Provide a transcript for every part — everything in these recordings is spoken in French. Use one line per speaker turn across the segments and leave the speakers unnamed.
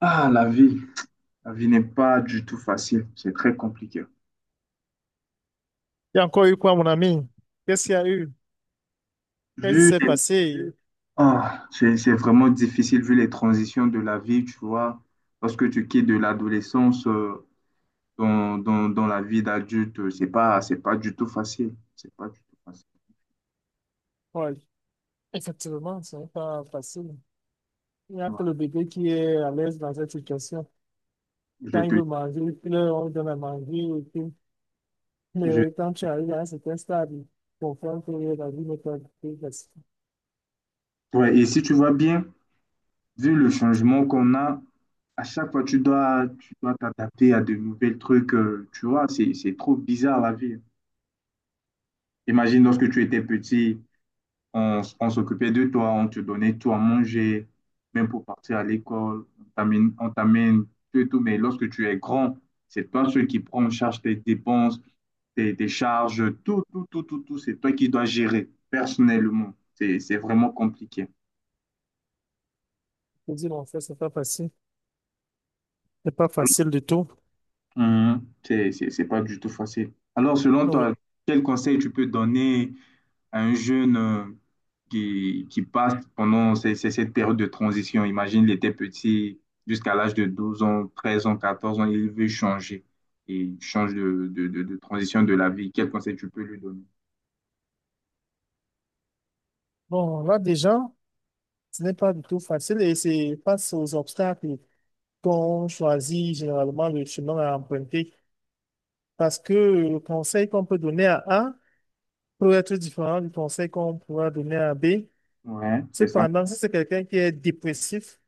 Ah, la vie n'est pas du tout facile, c'est très compliqué.
Il y a encore eu quoi, mon ami? Qu'est-ce qu'il y a eu? Qu'est-ce qui
Vu
s'est
les...
passé?
ah, c'est vraiment difficile vu les transitions de la vie, tu vois, lorsque tu quittes de l'adolescence, dans la vie d'adulte, c'est pas du tout facile, c'est pas du tout facile.
Ouais, effectivement, ce n'est pas facile. Il n'y a
Ouais,
que le bébé qui est à l'aise dans cette situation.
Je
Quand il
te,
veut manger, il pleure, on lui donne à manger, et puis...
je-
Mais quand tu arrives à un certain stade, il comprend que la vie n'est pas plus facile.
ouais, et si tu vois bien, vu le changement qu'on a, à chaque fois tu dois t'adapter à de nouvelles trucs, tu vois, c'est trop bizarre la vie. Imagine lorsque tu étais petit. On s'occupait de toi, on te donnait tout à manger, même pour partir à l'école, on t'amène tout et tout. Mais lorsque tu es grand, c'est toi celui qui prend en charge tes dépenses, tes charges, tout, tout, tout, tout, tout. C'est toi qui dois gérer personnellement. C'est vraiment compliqué.
Je dis, non, ça, c'est pas facile. C'est pas
Alors,
facile du tout.
c'est pas du tout facile. Alors, selon
Ah ouais.
toi, quel conseil tu peux donner un jeune, qui passe pendant cette période de transition. Imagine, il était petit jusqu'à l'âge de 12 ans, 13 ans, 14 ans, il veut changer. Et change de transition de la vie. Quel conseil tu peux lui donner?
Bon, là, déjà, ce n'est pas du tout facile, et c'est face aux obstacles qu'on choisit généralement le chemin à emprunter. Parce que le conseil qu'on peut donner à A peut être différent du conseil qu'on pourra donner à B.
Ouais, c'est ça.
Cependant, si c'est quelqu'un qui est dépressif,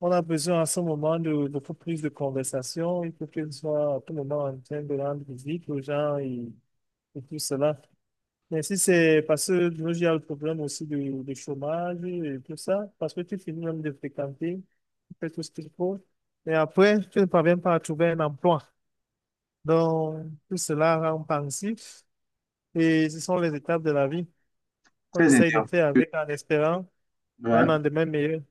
on a besoin à ce moment de beaucoup plus de conversation. Il faut qu'il soit à tout moment en train de rendre visite aux gens, et tout cela. Mais si c'est parce que de nos jours, il y a le problème aussi du chômage et tout ça, parce que tu finis même de fréquenter, tu fais tout ce qu'il faut, et après, tu ne parviens pas à trouver un emploi. Donc, tout cela rend pensif. Et ce sont les étapes de la vie. On
Très
essaye de
intéressant.
faire avec en espérant un
Ouais,
lendemain meilleur.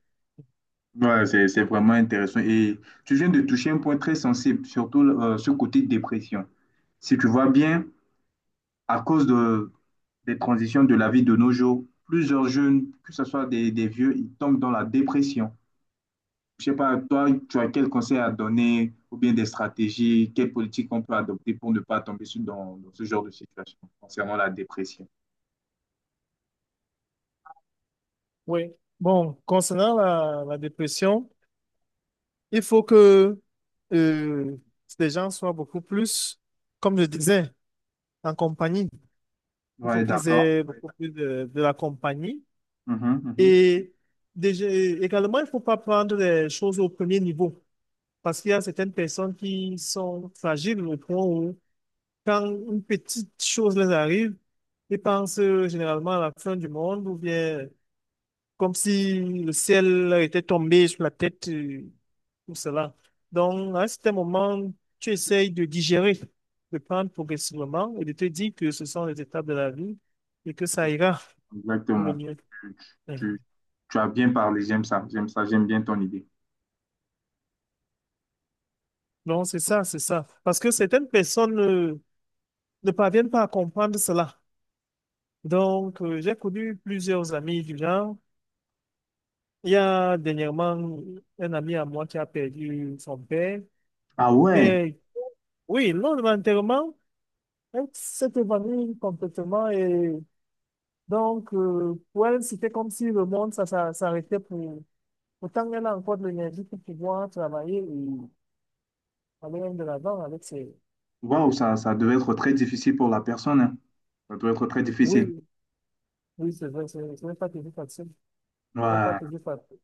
ouais, c'est vraiment intéressant. Et tu viens de toucher un point très sensible, surtout ce côté dépression. Si tu vois bien, à cause des transitions de la vie de nos jours. Plusieurs jeunes, que ce soit des vieux, ils tombent dans la dépression. Je ne sais pas, toi, tu as quel conseil à donner ou bien des stratégies, quelles politiques on peut adopter pour ne pas dans ce genre de situation concernant la dépression.
Oui. Bon, concernant la dépression, il faut que euh, les gens soient beaucoup plus, comme je disais, en compagnie. Il faut
Oui,
qu'ils
d'accord.
aient beaucoup plus de la compagnie.
Mhm, mhm.
Et déjà, également, il ne faut pas prendre les choses au premier niveau. Parce qu'il y a certaines personnes qui sont fragiles au point où quand une petite chose les arrive, ils pensent généralement à la fin du monde, ou bien comme si le ciel était tombé sur la tête, tout cela. Donc, à un certain moment, tu essayes de digérer, de prendre progressivement et de te dire que ce sont les étapes de la vie et que ça ira pour le
Exactement.
mieux.
Tu,
Mhm.
tu- Tu as bien parlé, j'aime ça, j'aime ça, j'aime bien ton idée.
Donc, c'est ça, c'est ça. Parce que certaines personnes ne parviennent pas à comprendre cela. Donc, j'ai connu plusieurs amis du genre. Il y a dernièrement un ami à moi qui a perdu son père,
Ah ouais,
mais oui, lors de l'enterrement, elle s'est évanouie complètement, et donc pour elle, c'était comme si le monde s'arrêtait pour... Pourtant, elle a encore de l'énergie pour pouvoir travailler et aller même de l'avant avec ses...
waouh, ça devait être très difficile pour la personne, hein. Ça doit être très
Oui,
difficile.
oui, c'est vrai, c'est pas toujours facile. C'est pas
Ouais.
toujours facile.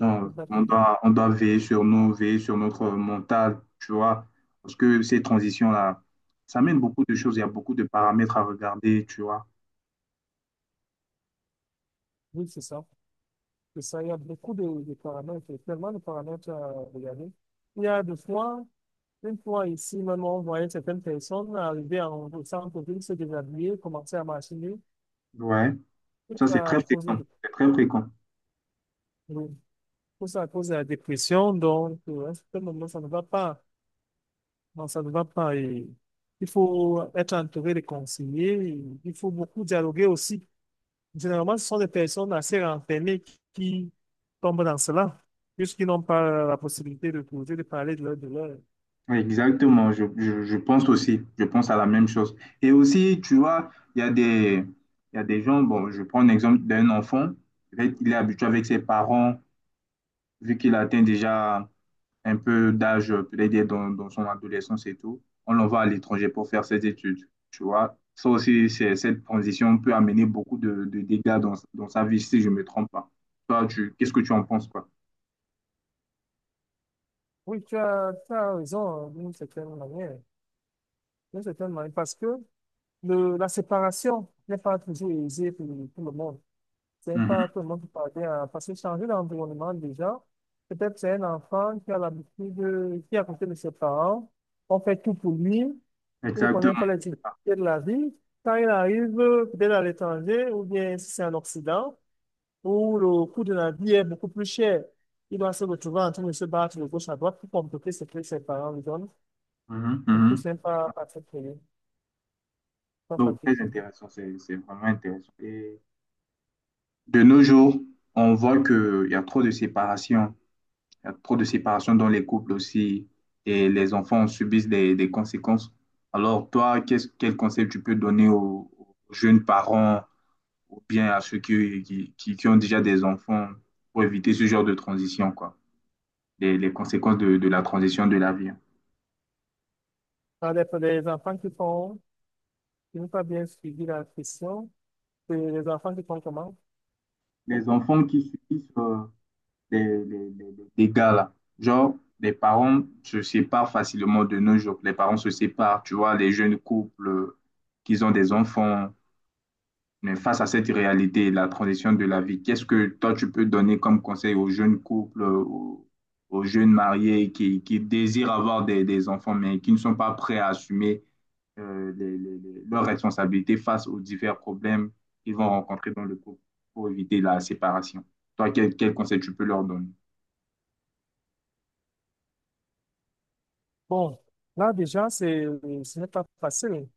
On,
C'est pas
on
toujours-
doit, on doit veiller sur nous, veiller sur notre mental, tu vois, parce que ces transitions-là, ça mène beaucoup de choses, il y a beaucoup de paramètres à regarder, tu vois.
Oui, c'est ça. C'est ça, il y a beaucoup de paramètres, tellement de paramètres à regarder. Il y a des fois... Une fois ici, même on voyait certaines personnes arriver en, au centre-ville, se déshabiller, commencer à marcher,
Ouais,
tout
ça c'est
ça
très
à cause
fréquent, c'est très fréquent.
de- tout ça à cause de la dépression. Donc, à un certain moment, ça ne va pas. Non, ça ne va pas. Et il faut être entouré de conseillers, et il faut beaucoup dialoguer aussi. Généralement, ce sont des personnes assez renfermées qui tombent dans cela, puisqu'ils n'ont pas la possibilité de poser, de parler de leur douleur.
Ouais, exactement, je pense aussi, je pense à la même chose. Et aussi, tu vois, il y a des gens, bon, je prends l'exemple d'un enfant, il est habitué avec ses parents, vu qu'il atteint déjà un peu d'âge, peut-être dans son adolescence et tout, on l'envoie à l'étranger pour faire ses études, tu vois. Ça aussi, cette transition peut amener beaucoup de dégâts dans sa vie, si je ne me trompe pas. Toi, qu'est-ce que tu en penses, quoi?
Oui, tu as raison, hein, d'une certaine manière. D'une certaine manière, parce que le, la séparation n'est pas toujours aisée pour le monde. C'est pas
Mhm.
tout le monde qui parvient à... Parce que changer l'environnement déjà, peut-être c'est un enfant qui a l'habitude, de- qui est à côté de ses parents, on fait tout pour lui, il ne connaît pas
Exactement.
les difficultés de la vie. Quand il arrive peut-être à l'étranger, ou bien si c'est en Occident, où le coût de la vie est beaucoup plus cher, il doit se retrouver en train de se battre de gauche à droite pour compléter ce que ses parents lui donnent.
Mhm,
Et tout,
mhm.
c'est pas, pas très, très, pas
Donc,
pratique
très
pour lui.
intéressant, c'est vraiment intéressant. Et de nos jours, on voit qu'il y a trop de séparation. Il y a trop de séparation dans les couples aussi et les enfants subissent des conséquences. Alors, toi, quel conseil tu peux donner aux jeunes parents ou bien à ceux qui ont déjà des enfants pour éviter ce genre de transition, quoi, les conséquences de la transition de la vie, hein?
Alors, les enfants qui font... Je n'ai pas bien suivi la question. Et les enfants qui font comment?
Les enfants qui subissent, les, les, les- dégâts, là. Genre, les parents se séparent facilement de nos jours. Les parents se séparent, tu vois, les jeunes couples, qui ont des enfants. Mais face à cette réalité, la transition de la vie, qu'est-ce que toi tu peux donner comme conseil aux jeunes couples, aux jeunes mariés qui désirent avoir des enfants, mais qui ne sont pas prêts à assumer, leurs responsabilités face aux divers problèmes qu'ils vont rencontrer dans le couple pour éviter la séparation? Toi, quel conseil tu peux leur donner?
Bon, là déjà, c'est, ce n'est pas facile.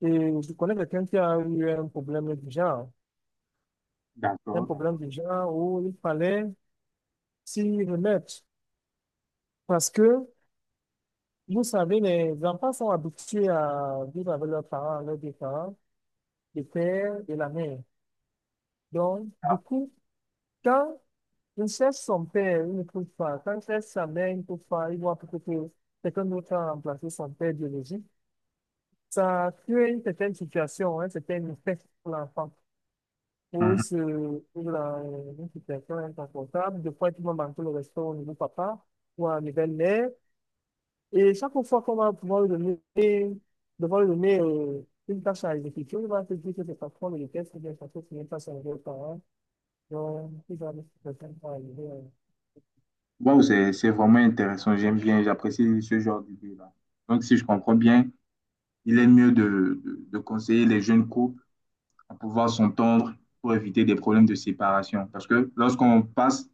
Et je connais quelqu'un qui a eu un problème du genre. Un
D'accord,
problème
d'accord.
du genre où il fallait s'y remettre. Parce que, vous savez, les enfants sont habitués à vivre avec leurs parents, leurs deux parents, le père et la mère. Donc, du coup, quand il cherche son père, il ne trouve pas. Quand il cherche sa mère, il ne trouve pas. Il voit peut-être que quelqu'un d'autre a remplacé son père biologique. Ça crée une certaine situation, hein, c'était une effet pour l'enfant.
Mhm.
Pose pour la- une situation inconfortable. Des fois, tout le monde manque le respect au niveau papa ou à la belle-mère. Et chaque fois qu'on va pouvoir lui donner, devoir lui donner une tâche à exécuter, il va se dire que c'est parce qu'on le déteste, ou bien parce que c'est une tâche à enlever aux parents. Donc, il va mettre quelqu'un pour arriver à
Wow, c'est vraiment intéressant. J'aime bien, j'apprécie ce genre d'idée-là. Donc, si je comprends bien, il est mieux de conseiller les jeunes couples à pouvoir s'entendre pour éviter des problèmes de séparation. Parce que lorsqu'on passe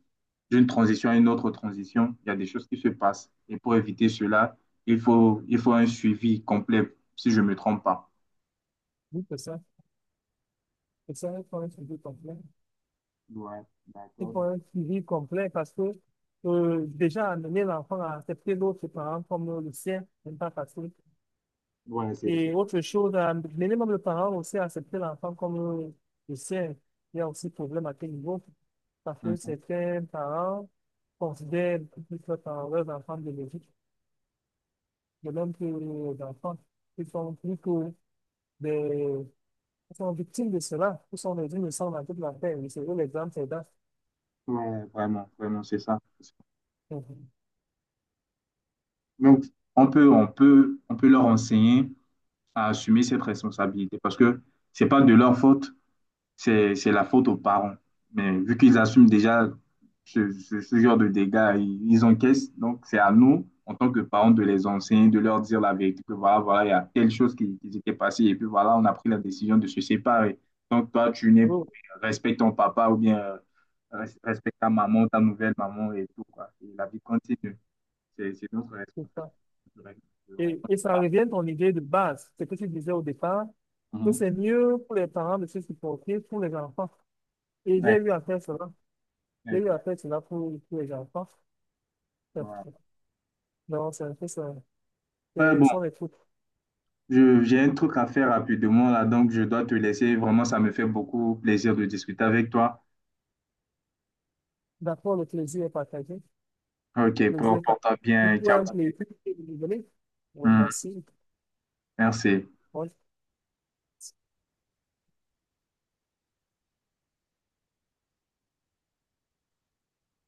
d'une transition à une autre transition, il y a des choses qui se passent. Et pour éviter cela, il faut un suivi complet, si je ne me trompe pas.
bout de ça. Et ça, il faut un sujet complet.
Ouais,
C'est
d'accord,
pour
d'accord.
un suivi complet, parce que déjà amener l'enfant à accepter l'autre parent comme le sien, ce n'est pas facile.
Ouais, c'est, c'est-
Et autre chose, amener même le parent aussi à accepter l'enfant comme le sien, il y a aussi problème à quel niveau. Parce que
Mhm.
certains parents considèrent beaucoup plus leurs parents- leurs enfants biologiques, de même que les enfants qui sont plus que des, qui sont victimes de cela, qui sont des innocents dans toute la terre. Et c'est eux l'exemple, c'est là.
Ouais, vraiment, vraiment, c'est ça.
Mhm.
Donc, on peut leur enseigner à assumer cette responsabilité parce que c'est pas de leur faute. C'est la faute aux parents. Mais vu qu'ils assument déjà ce genre de dégâts, ils encaissent. Donc, c'est à nous, en tant que parents, de les enseigner, de leur dire la vérité, que voilà, voilà, il y a telle chose qui s'était passée, et puis voilà, on a pris la décision de se séparer. Donc, toi, tu n'es
Oui,
respecte ton papa ou bien, respecte ta maman, ta nouvelle maman et tout, quoi. Et la vie continue. C'est notre
c'est
responsabilité
ça.
en tant
Et
que
ça
parents.
revient à ton idée de base, ce que tu disais au départ, que
Mhm.
c'est mieux pour les parents de se supporter pour les enfants. Et j'ai
Ouais,
eu à faire cela. J'ai eu à
exactement.
faire cela pour les enfants. Non, c'est un peu ça.
Ouais,
Ce
bon,
sont les trucs.
J'ai un truc à faire rapidement là, donc je dois te laisser. Vraiment, ça me fait beaucoup plaisir de discuter avec toi.
D'accord, le plaisir est partagé.
Ok,
Le plaisir est
porte-toi
partagé. Vous
bien.
pouvez
Ciao.
un plaisir que vous voulez. Bon,
Hum,
merci.
merci.
Bon,